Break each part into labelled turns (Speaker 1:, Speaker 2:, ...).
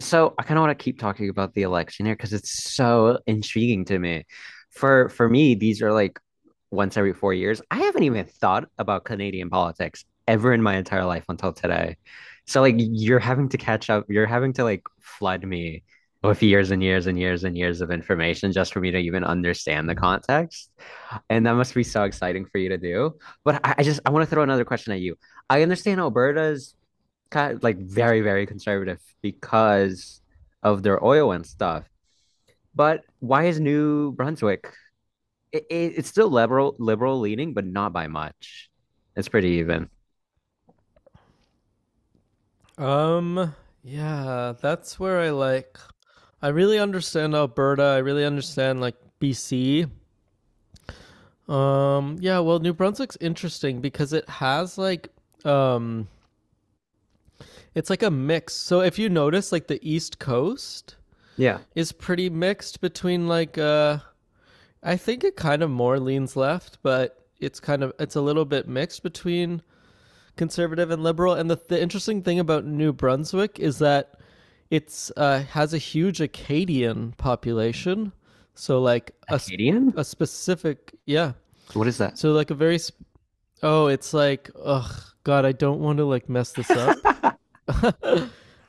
Speaker 1: So I kind of want to keep talking about the election here because it's so intriguing to me. For me, these are like once every 4 years. I haven't even thought about Canadian politics ever in my entire life until today. So like you're having to catch up, you're having to like flood me with years and years and years and years of information just for me to even understand the context. And that must be so exciting for you to do. But I just I want to throw another question at you. I understand Alberta's kind of like very, very conservative because of their oil and stuff. But why is New Brunswick? It's still liberal, liberal leaning, but not by much. It's pretty even.
Speaker 2: Um, yeah, that's where I really understand Alberta. I really understand like BC. Yeah, well, New Brunswick's interesting because it has like um it's like a mix. So if you notice like the East Coast
Speaker 1: Yeah.
Speaker 2: is pretty mixed between like, I think it kind of more leans left, but it's kind of it's a little bit mixed between conservative and liberal. And the interesting thing about New Brunswick is that it's has a huge Acadian population. So like a
Speaker 1: Acadian?
Speaker 2: a specific, yeah.
Speaker 1: What is that?
Speaker 2: So like a very, oh, it's like, ugh, God, I don't want to like mess this up.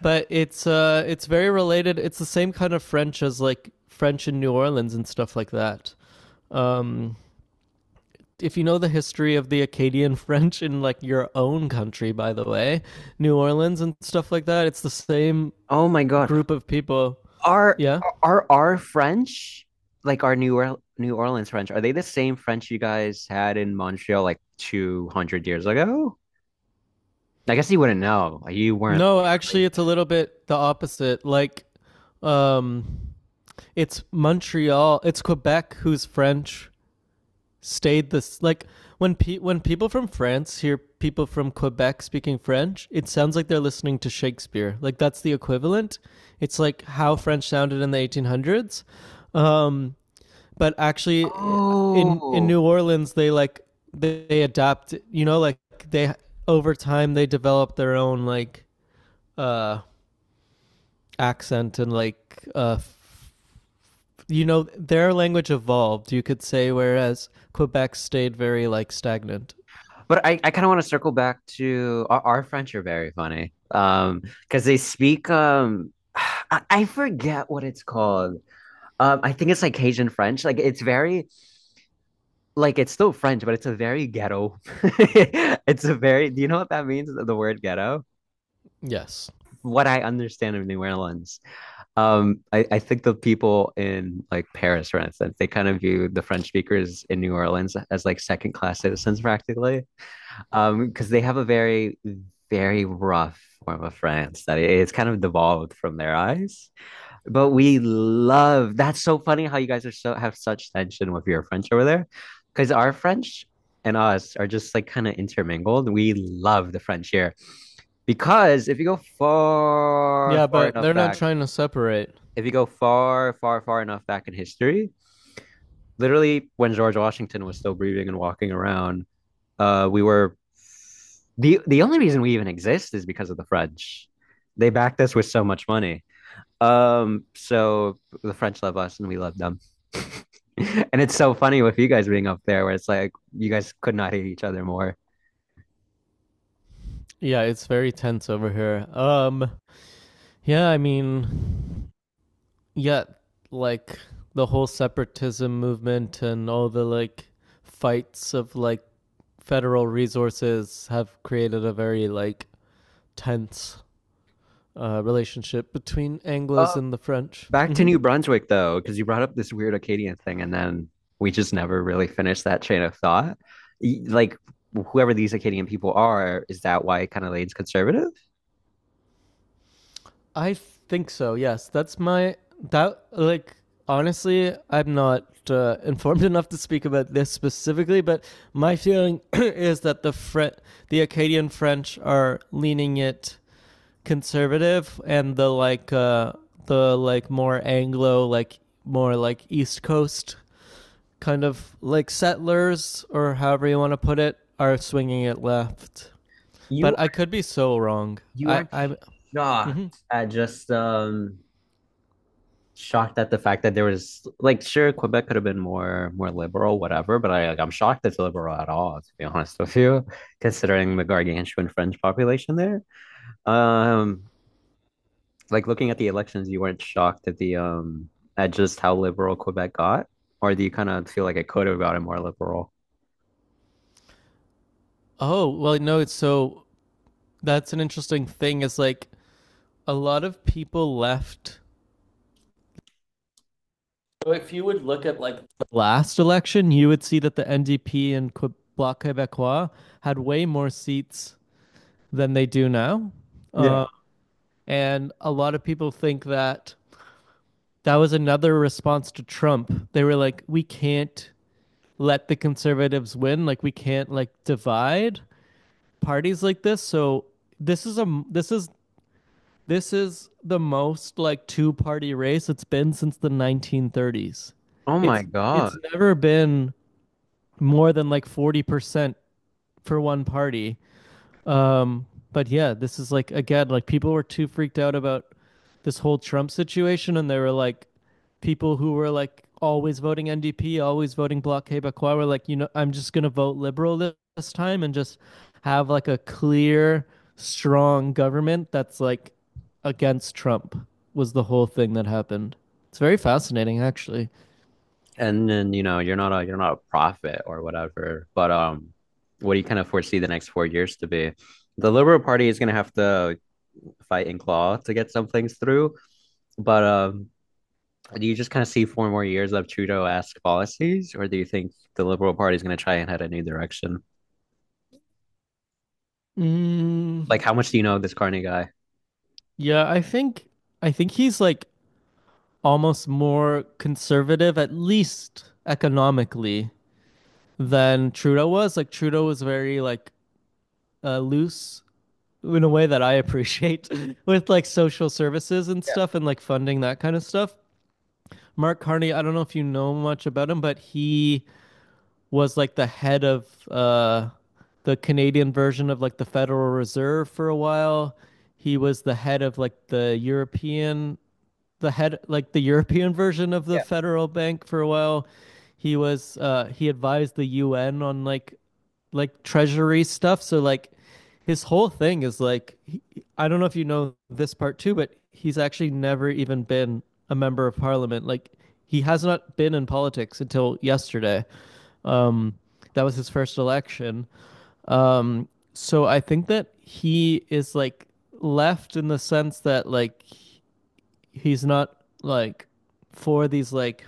Speaker 2: But it's very related. It's the same kind of French as like French in New Orleans and stuff like that. Um, if you know the history of the Acadian French in like your own country, by the way, New Orleans and stuff like that, it's the same
Speaker 1: Oh my God.
Speaker 2: group of people.
Speaker 1: Are
Speaker 2: Yeah.
Speaker 1: are our French like our New Orleans French? Are they the same French you guys had in Montreal like 200 years ago? I guess you wouldn't know. You weren't,
Speaker 2: No,
Speaker 1: you weren't
Speaker 2: actually,
Speaker 1: raised
Speaker 2: it's a little bit the opposite. Like, um, it's Montreal, it's Quebec who's French stayed this like when people from France hear people from Quebec speaking French, it sounds like they're listening to Shakespeare. Like that's the equivalent. It's like how
Speaker 1: there.
Speaker 2: French sounded in the 1800s. Um, but actually in
Speaker 1: Oh,
Speaker 2: New Orleans they they adapt, you know, like they, over time they develop their own uh accent and like, you know, their language evolved, you could say, whereas Quebec stayed very like stagnant.
Speaker 1: but I kind of want to circle back to our French are very funny. Because they speak I forget what it's called. I think it's like Cajun French. Like it's very like it's still French, but it's a very ghetto. It's a very do you know what that means? The word ghetto?
Speaker 2: Yes.
Speaker 1: What I understand of New Orleans. I think the people in like Paris, for instance, they kind of view the French speakers in New Orleans as like second class citizens practically. Because they have a very, very rough form of France that it's kind of devolved from their eyes. But we love that's so funny how you guys are so have such tension with your French over there. Because our French and us are just like kind of intermingled. We love the French here because if you go far,
Speaker 2: Yeah,
Speaker 1: far
Speaker 2: but
Speaker 1: enough
Speaker 2: they're not
Speaker 1: back,
Speaker 2: trying to separate.
Speaker 1: if you go far, far, far enough back in history, literally when George Washington was still breathing and walking around, we were the only reason we even exist is because of the French. They backed us with so much money. So the French love us and we love them. And it's so funny with you guys being up there where it's like you guys could not hate each other more.
Speaker 2: Yeah, it's very tense over here. Yeah, I mean, yet, like the whole separatism movement and all the like fights of like federal resources have created a very like tense relationship between Anglo's
Speaker 1: Uh,
Speaker 2: and the French.
Speaker 1: Back to New Brunswick though, because you brought up this weird Acadian thing and then we just never really finished that chain of thought. Like whoever these Acadian people are, is that why kind of leans conservative?
Speaker 2: I think so. Yes, that's my that like honestly, I'm not informed enough to speak about this specifically, but my feeling is that the Acadian French are leaning it conservative and the the like more Anglo, like more like East Coast kind of like settlers or however you want to put it are swinging it left.
Speaker 1: You
Speaker 2: But I could be so wrong.
Speaker 1: You
Speaker 2: I
Speaker 1: aren't
Speaker 2: I'm
Speaker 1: shocked
Speaker 2: hmm
Speaker 1: at just shocked at the fact that there was like sure Quebec could have been more more liberal, whatever, but I like I'm shocked it's liberal at all, to be honest with you, considering the gargantuan French population there. Um like looking at the elections, you weren't shocked at the at just how liberal Quebec got, or do you kind of feel like it could have gotten more liberal?
Speaker 2: Oh, well no, it's so that's an interesting thing is like a lot of people left, so if you would look at like the last election, you would see that the NDP and Bloc Québécois had way more seats than they do now.
Speaker 1: Yeah.
Speaker 2: Uh, and a lot of people think that that was another response to Trump. They were like, we can't let the conservatives win. Like we can't like divide parties like this. So this is a this is this is the most like two party race it's been since the 1930s.
Speaker 1: Oh my
Speaker 2: It's
Speaker 1: God.
Speaker 2: it's never been more than like 40% for one party. Um, but yeah, this is like again, like people were too freaked out about this whole Trump situation, and they were like, people who were like always voting NDP, always voting Bloc Québécois, were like, you know, I'm just gonna vote liberal this time and just have like a clear, strong government that's like against Trump. Was the whole thing that happened? It's very fascinating, actually.
Speaker 1: And then you know you're not a prophet or whatever but what do you kind of foresee the next 4 years to be the liberal party is going to have to fight and claw to get some things through but do you just kind of see four more years of trudeau-esque policies or do you think the liberal party is going to try and head a new direction
Speaker 2: Mm,
Speaker 1: like how much do you know of this carney guy?
Speaker 2: yeah, I think he's like almost more conservative, at least economically, than Trudeau was. Like Trudeau was very like loose in a way that I appreciate with like social services and
Speaker 1: Yeah,
Speaker 2: stuff and like funding that kind of stuff. Mark Carney, I don't know if you know much about him, but he was like the head of uh, the Canadian version of like the Federal Reserve for a while. He was the head of like the head like the European version of the
Speaker 1: yeah.
Speaker 2: Federal Bank for a while. He was he advised the UN on like treasury stuff. So like his whole thing is like he, I don't know if you know this part too, but he's actually never even been a member of parliament. Like he has not been in politics until yesterday. Um that was his first election. Um so I think that he is like left in the sense that like he's not like for these like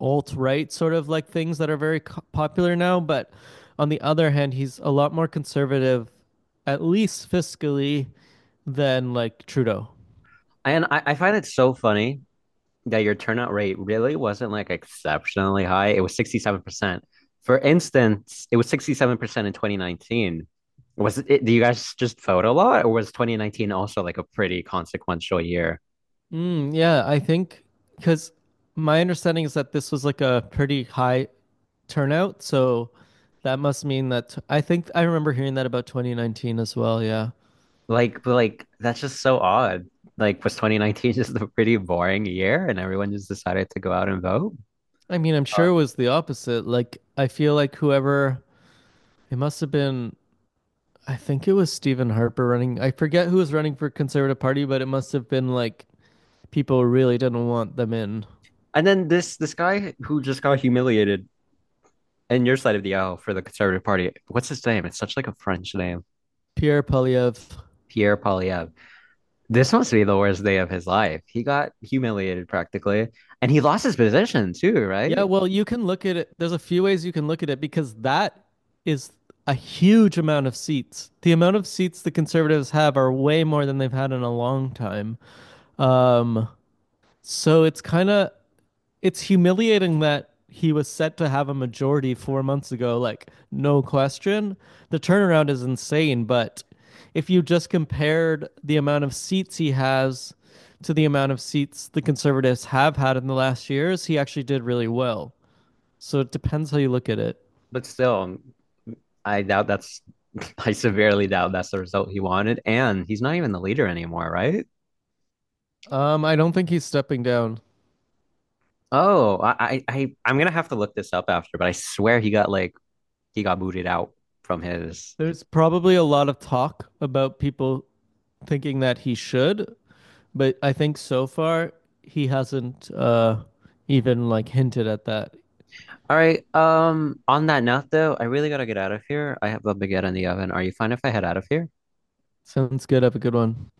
Speaker 2: alt right sort of like things that are very popular now. But on the other hand, he's a lot more conservative, at least fiscally, than like Trudeau.
Speaker 1: And I find it so funny that your turnout rate really wasn't like exceptionally high. It was 67%. For instance, it was 67% in 2019. Was it, do you guys just vote a lot, or was 2019 also like a pretty consequential year?
Speaker 2: Mm, yeah, I think because my understanding is that this was like a pretty high turnout, so that must mean that I think I remember hearing that about 2019 as well. Yeah,
Speaker 1: Like that's just so odd. Like, was 2019 just a pretty boring year, and everyone just decided to go out and vote?
Speaker 2: I mean, I'm sure
Speaker 1: Uh,
Speaker 2: it was the opposite. Like, I feel like whoever it must have been I think it was Stephen Harper running. I forget who was running for Conservative Party, but it must have been like people really didn't want them in.
Speaker 1: and then this guy who just got humiliated in your side of the aisle for the Conservative Party. What's his name? It's such like a French name,
Speaker 2: Pierre Polyev.
Speaker 1: Pierre Polyev. This must be the worst day of his life. He got humiliated practically, and he lost his position too,
Speaker 2: Yeah,
Speaker 1: right?
Speaker 2: well, you can look at it. There's a few ways you can look at it because that is a huge amount of seats. The amount of seats the conservatives have are way more than they've had in a long time. Um, so it's kind of it's humiliating that he was set to have a majority 4 months ago, like no question. The turnaround is insane, but if you just compared the amount of seats he has to the amount of seats the conservatives have had in the last years, he actually did really well. So it depends how you look at it.
Speaker 1: But still, I doubt that's, I severely doubt that's the result he wanted. And he's not even the leader anymore, right?
Speaker 2: I don't think he's stepping down.
Speaker 1: Oh, I'm gonna have to look this up after, but I swear he got like he got booted out from his.
Speaker 2: There's probably a lot of talk about people thinking that he should, but I think so far he hasn't even like hinted at that.
Speaker 1: All right. On that note though, I really gotta get out of here. I have a baguette in the oven. Are you fine if I head out of here?
Speaker 2: Sounds good. Have a good one.